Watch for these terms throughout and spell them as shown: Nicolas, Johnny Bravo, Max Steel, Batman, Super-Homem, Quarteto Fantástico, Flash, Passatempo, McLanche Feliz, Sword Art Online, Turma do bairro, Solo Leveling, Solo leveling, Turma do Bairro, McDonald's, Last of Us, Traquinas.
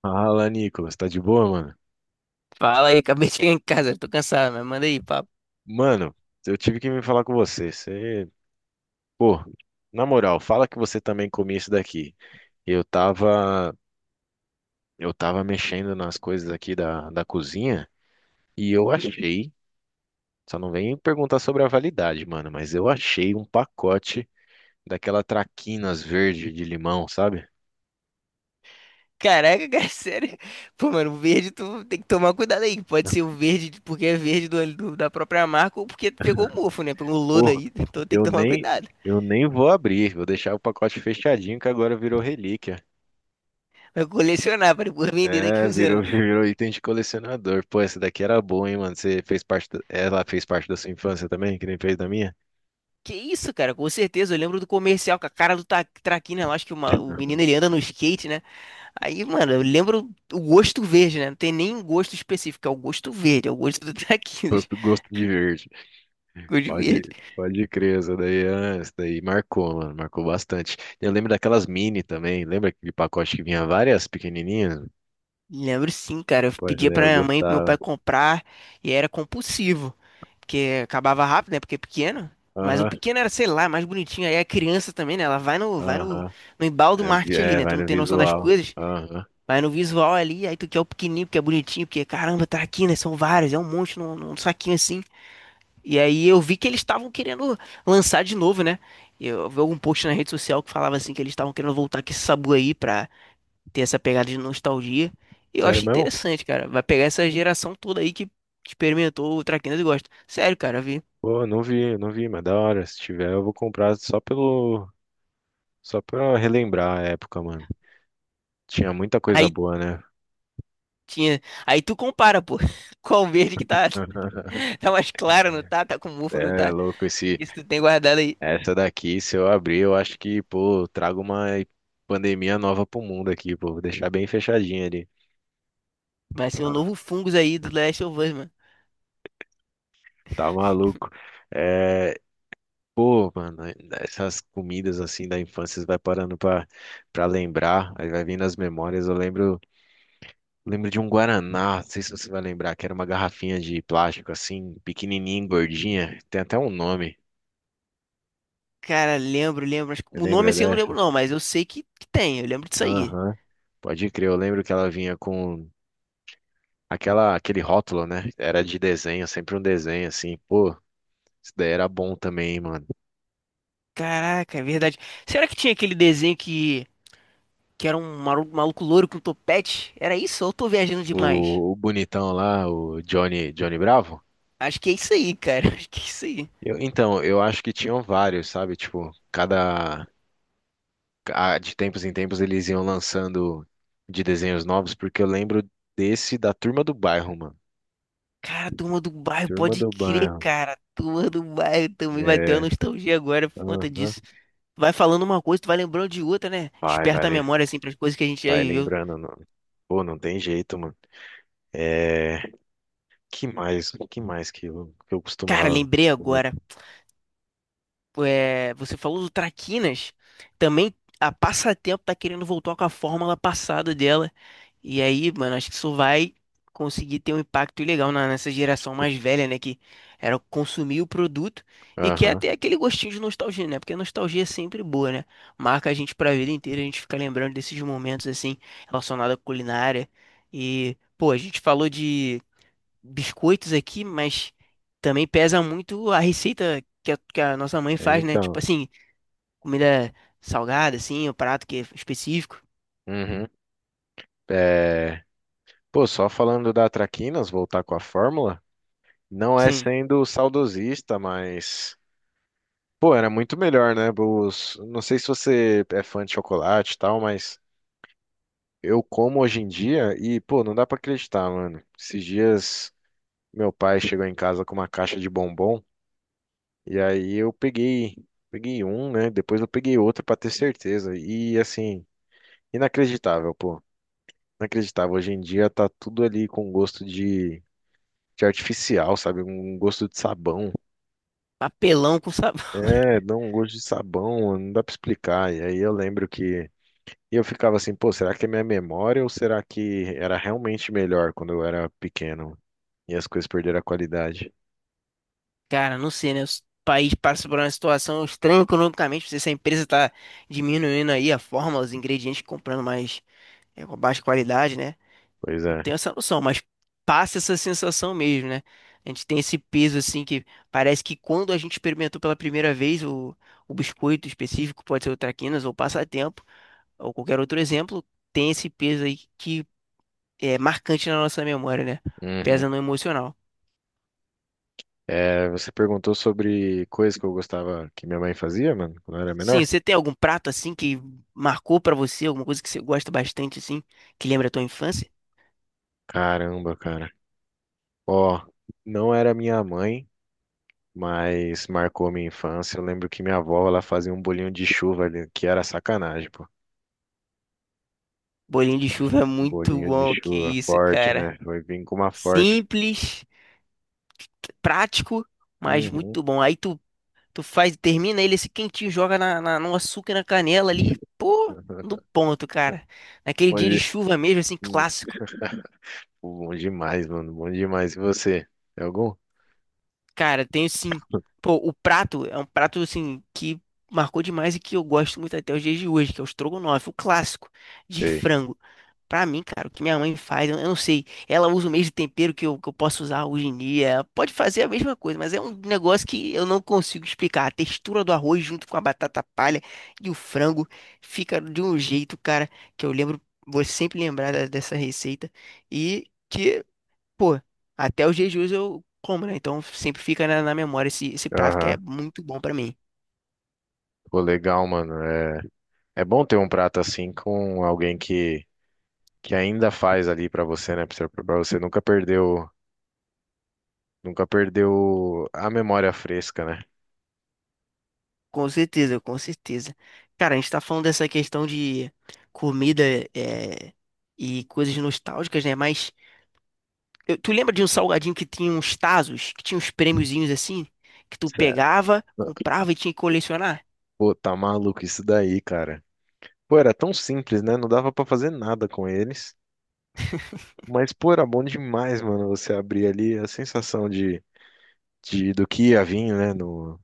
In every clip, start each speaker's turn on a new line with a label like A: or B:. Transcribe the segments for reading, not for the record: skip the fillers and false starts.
A: Fala, Nicolas, tá de boa, mano?
B: Fala aí, acabei de chegar em casa, tô cansado, mas manda aí, papo.
A: Mano, eu tive que me falar com você. Você, pô, na moral, fala que você também comia isso daqui. Eu tava, eu tava mexendo nas coisas aqui da cozinha e eu achei, só não vem perguntar sobre a validade, mano, mas eu achei um pacote daquela traquinas verde de limão, sabe?
B: Caraca, cara, sério. Pô, mano, o verde tu tem que tomar cuidado aí. Pode ser o verde de- porque é verde do, do- da própria marca ou porque pegou o mofo, né? Pegou o lodo
A: Pô,
B: aí. Então tem
A: eu
B: que tomar
A: nem,
B: cuidado.
A: eu nem vou abrir, vou deixar o pacote fechadinho que agora virou relíquia.
B: Vai colecionar pra depois vender daqui
A: É,
B: uns
A: virou,
B: anos.
A: virou item de colecionador. Pô, essa daqui era boa, hein, mano? Você fez parte. Ela fez parte da sua infância também, que nem fez da minha?
B: Que isso, cara, com certeza. Eu lembro do comercial com a cara do Ta- Traquina. Eu acho que uma- o menino ele anda no skate, né? Aí, mano, eu lembro o gosto verde, né? Não tem nem um gosto específico, é o gosto verde, é o gosto do Traquinas.
A: Gosto de verde.
B: Gosto de verde.
A: Pode crer, essa daí, essa daí marcou, mano. Marcou bastante. Eu lembro daquelas mini também. Lembra aquele pacote que vinha várias pequenininhas?
B: Lembro sim, cara. Eu
A: Pô, essa
B: pedia
A: daí
B: pra
A: eu
B: minha mãe e pro meu
A: gostava.
B: pai comprar e era compulsivo. Porque acabava rápido, né? Porque é pequeno. Mas o
A: Aham,
B: pequeno era, sei lá, mais bonitinho. Aí a criança também, né? Ela vai no
A: aham.
B: no embalo do
A: É,
B: marketing ali, né? Tu
A: vai
B: não
A: no
B: tem noção das
A: visual.
B: coisas.
A: Aham.
B: Vai no visual ali, aí tu quer o pequenininho, porque é bonitinho, porque caramba, tá aqui, né? São vários, é um monte num saquinho assim. E aí eu vi que eles estavam querendo lançar de novo, né? Eu vi algum post na rede social que falava assim que eles estavam querendo voltar com esse sabu aí pra tem essa pegada de nostalgia. E eu
A: Sério
B: acho
A: mesmo?
B: interessante, cara. Vai pegar essa geração toda aí que experimentou o Traquinas e gosta. Sério, cara, vi.
A: Pô, não vi, mas da hora. Se tiver, eu vou comprar só pelo. Só pra relembrar a época, mano. Tinha muita coisa
B: Aí
A: boa, né?
B: tinha. Aí tu compara, pô. Qual verde que tá. Tá mais claro, não tá? Tá com mofo, não
A: É
B: tá?
A: louco esse
B: Isso tu tem guardado aí.
A: essa daqui, se eu abrir, eu acho que, pô, eu trago uma pandemia nova pro mundo aqui, pô, vou deixar bem fechadinha ali.
B: Vai ser um
A: Tá,
B: novo fungus aí do Last of Us, mano.
A: tá maluco. É, pô, mano, essas comidas assim da infância você vai parando pra lembrar, aí vai vindo as memórias. Lembro de um guaraná, não sei se você vai lembrar, que era uma garrafinha de plástico assim, pequenininha, gordinha, tem até um nome.
B: Cara, lembro, lembro. Acho que-
A: Você
B: O nome
A: lembra.
B: assim eu não lembro, não, mas eu sei que tem. Eu lembro disso aí.
A: Aham. Pode crer, eu lembro que ela vinha com aquele rótulo, né? Era de desenho, sempre um desenho assim. Pô, isso daí era bom também, hein, mano.
B: Caraca, é verdade. Será que tinha aquele desenho que era um maru- maluco louro com topete? Era isso? Ou eu tô viajando demais?
A: O bonitão lá, o Johnny Bravo.
B: Acho que é isso aí, cara. Acho que é isso aí.
A: Então, eu acho que tinham vários, sabe? Tipo, de tempos em tempos eles iam lançando de desenhos novos, porque eu lembro desse da Turma do Bairro, mano.
B: Cara, a turma do bairro,
A: Turma
B: pode
A: do
B: crer,
A: Bairro.
B: cara. A turma do bairro também vai ter
A: É,
B: uma nostalgia agora por conta
A: aham.
B: disso. Vai falando uma coisa, tu vai lembrando de outra, né?
A: Vai, vai,
B: Desperta a
A: lem-
B: memória, assim, pras coisas que a gente já
A: vai
B: viveu.
A: lembrando. Pô, não tem jeito, mano. É. Que mais? O que mais que que eu
B: Cara,
A: costumava
B: lembrei
A: comer?
B: agora. É, você falou do Traquinas, também a Passatempo tá querendo voltar com a fórmula passada dela. E aí, mano, acho que isso vai conseguir ter um impacto legal na- nessa geração mais velha, né? Que era consumir o produto e quer
A: Aham,
B: ter aquele gostinho de nostalgia, né? Porque a nostalgia é sempre boa, né? Marca a gente pra vida inteira, a gente fica lembrando desses momentos, assim, relacionados à culinária. E, pô, a gente falou de biscoitos aqui, mas também pesa muito a receita que a nossa mãe
A: é,
B: faz, né?
A: então.
B: Tipo assim, comida salgada, assim, o prato que é específico.
A: Uhum. É, pô, só falando da Traquinas, voltar com a fórmula, não é
B: Sim,
A: sendo saudosista, mas. Pô, era muito melhor, né? Os, não sei se você é fã de chocolate e tal, mas eu como hoje em dia e, pô, não dá pra acreditar, mano. Esses dias meu pai chegou em casa com uma caixa de bombom e aí peguei um, né? Depois eu peguei outro pra ter certeza. E assim. Inacreditável, pô. Inacreditável. Hoje em dia tá tudo ali com gosto de artificial, sabe? Um gosto de sabão.
B: papelão com sabor.
A: É, dá um gosto de sabão, não dá pra explicar. E aí eu lembro que. E eu ficava assim, pô, será que é minha memória ou será que era realmente melhor quando eu era pequeno e as coisas perderam a qualidade?
B: Cara, não sei, né? O país passa por uma situação estranha economicamente. Não sei se a empresa tá diminuindo aí a forma, os ingredientes, comprando mais é, com baixa qualidade, né?
A: Pois é.
B: Tenho essa noção, mas passa essa sensação mesmo, né? A gente tem esse peso assim que parece que quando a gente experimentou pela primeira vez o biscoito específico, pode ser o Traquinas ou Passatempo, ou qualquer outro exemplo, tem esse peso aí que é marcante na nossa memória, né?
A: Uhum.
B: Pesa no emocional.
A: É, você perguntou sobre coisas que eu gostava que minha mãe fazia, mano, quando eu era
B: Sim,
A: menor?
B: você tem algum prato assim que marcou pra você, alguma coisa que você gosta bastante assim, que lembra a tua infância?
A: Caramba, cara. Ó, não era minha mãe, mas marcou minha infância. Eu lembro que minha avó, ela fazia um bolinho de chuva ali, que era sacanagem, pô.
B: Bolinho de chuva é
A: Um
B: muito
A: bolinho de
B: bom, que
A: chuva
B: isso,
A: forte,
B: cara.
A: né? Foi vir com uma forte.
B: Simples, prático, mas
A: Uhum.
B: muito bom. Aí tu Tu faz, termina ele esse quentinho, joga na, na- no açúcar e na canela ali, pô, no ponto, cara. Naquele
A: Bom,
B: dia de
A: de-
B: chuva mesmo, assim,
A: hum,
B: clássico.
A: bom demais, mano. Bom demais. E você? Tem algum?
B: Cara, tenho sim. Pô, o prato é um prato, assim, que marcou demais e que eu gosto muito até os dias de hoje, que é o estrogonofe, o clássico de
A: Sei.
B: frango. Pra mim, cara, o que minha mãe faz, eu não sei. Ela usa o mesmo tempero que eu posso usar hoje em dia. Ela pode fazer a mesma coisa, mas é um negócio que eu não consigo explicar. A textura do arroz junto com a batata palha e o frango fica de um jeito, cara, que eu lembro, vou sempre lembrar da- dessa receita. E que, pô, até os jejuns eu como, né? Então sempre fica na memória esse, esse prato que é
A: Aham.
B: muito bom pra mim.
A: Pô, legal, mano. É, é bom ter um prato assim com alguém que ainda faz ali pra você, né? Pra você nunca perdeu, nunca perdeu a memória fresca, né?
B: Com certeza, com certeza. Cara, a gente tá falando dessa questão de comida é, e coisas nostálgicas, né? Mas eu- tu lembra de um salgadinho que tinha uns tazos, que tinha uns prêmiozinhos assim, que tu
A: Certo.
B: pegava, comprava e tinha que colecionar?
A: Pô, tá maluco isso daí, cara. Pô, era tão simples, né? Não dava pra fazer nada com eles. Mas, pô, era bom demais, mano, você abrir ali a sensação de do que ia vir, né, no,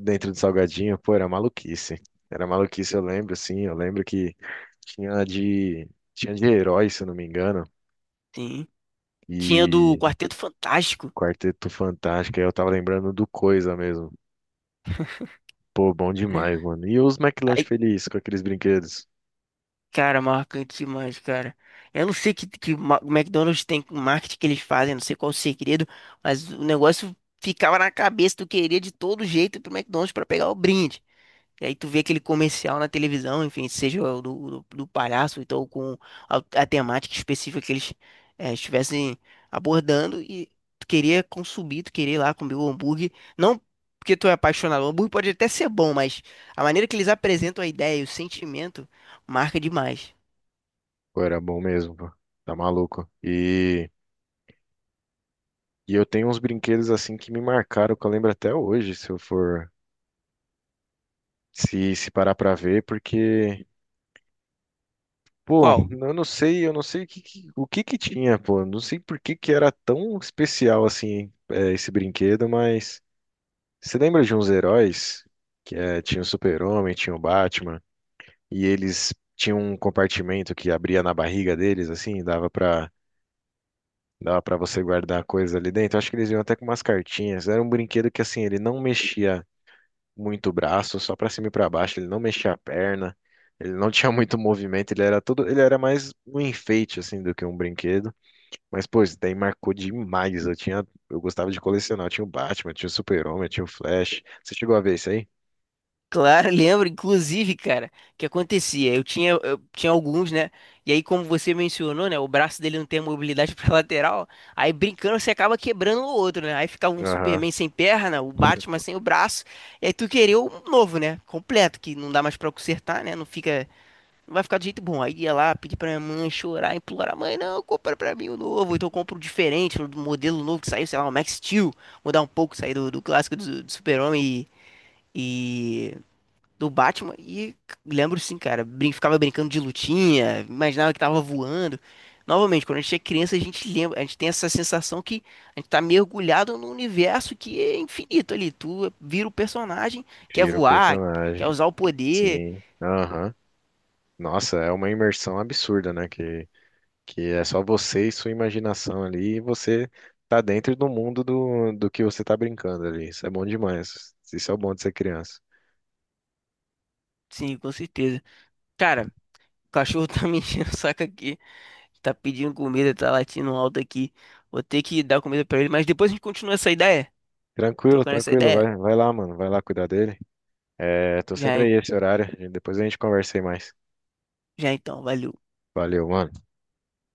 A: dentro do salgadinho. Pô, era maluquice. Era maluquice, eu lembro, sim. Eu lembro que tinha de, tinha de herói, se eu não me engano.
B: Sim. Tinha do
A: E
B: Quarteto Fantástico.
A: Quarteto Fantástico, aí eu tava lembrando do Coisa mesmo. Pô, bom demais, mano. E os McLanche
B: Aí,
A: Feliz com aqueles brinquedos.
B: cara, marcante demais, cara. Eu não sei que ma- o McDonald's tem com marketing que eles fazem, não sei qual o segredo, mas o negócio ficava na cabeça, tu queria de todo jeito ir pro McDonald's pra pegar o brinde. E aí tu vê aquele comercial na televisão, enfim, seja o do palhaço, então com a temática específica que eles estivessem abordando e tu queria consumir, tu queria ir lá comer o hambúrguer, não porque tu é apaixonado, o hambúrguer pode até ser bom, mas a maneira que eles apresentam a ideia e o sentimento marca demais.
A: Pô, era bom mesmo, pô. Tá maluco. E. E eu tenho uns brinquedos assim que me marcaram, que eu lembro até hoje, se eu for se parar pra ver, porque, pô,
B: Qual?
A: eu não sei o o que que tinha, pô, não sei por que que era tão especial assim, é, esse brinquedo, mas você lembra de uns heróis que tinha o Super-Homem, tinha o Batman, e eles tinham um compartimento que abria na barriga deles assim, e dava para você guardar coisas ali dentro. Acho que eles vinham até com umas cartinhas. Era um brinquedo que assim, ele não mexia muito braço, só pra cima e pra baixo, ele não mexia a perna, ele não tinha muito movimento, ele era todo, ele era mais um enfeite assim do que um brinquedo. Mas pô, isso daí marcou demais. Eu tinha, eu gostava de colecionar, eu tinha o Batman, eu tinha o Super-Homem, eu tinha o Flash. Você chegou a ver isso aí?
B: Claro, lembro, inclusive, cara, o que acontecia? Eu tinha alguns, né? E aí, como você mencionou, né? O braço dele não tem a mobilidade pra lateral. Aí, brincando, você acaba quebrando o outro, né? Aí ficava um
A: Aham.
B: Superman sem perna, o Batman sem o braço. E aí, tu queria um novo, né? Completo, que não dá mais pra consertar, né? Não fica, não vai ficar do jeito bom. Aí ia lá, pedir pra minha mãe chorar, implorar: mãe, não, compra pra mim o novo. Então, eu compro o diferente, o modelo novo que saiu, sei lá, o Max Steel. Mudar um pouco, sair do, do clássico do Super-Homem e do Batman e lembro sim, cara, brin ficava brincando de lutinha, imaginava que tava voando. Novamente, quando a gente é criança, a gente lembra, a gente tem essa sensação que a gente tá mergulhado num universo que é infinito ali. Tu vira o personagem, quer
A: Vira o
B: voar, quer
A: personagem.
B: usar o poder.
A: Sim. Aham. Nossa, é uma imersão absurda, né? Que é só você e sua imaginação ali, e você tá dentro do mundo do que você tá brincando ali. Isso é bom demais. Isso é o bom de ser criança.
B: Sim, com certeza. Cara, o cachorro tá me enchendo o saco aqui, tá pedindo comida, tá latindo alto aqui. Vou ter que dar comida pra ele, mas depois a gente continua essa ideia,
A: Tranquilo,
B: trocando essa
A: tranquilo.
B: ideia.
A: Vai lá, mano. Vai lá cuidar dele. É, tô
B: Já,
A: sempre
B: en-
A: aí esse horário. Depois a gente conversa aí mais.
B: já então, valeu.
A: Valeu, mano.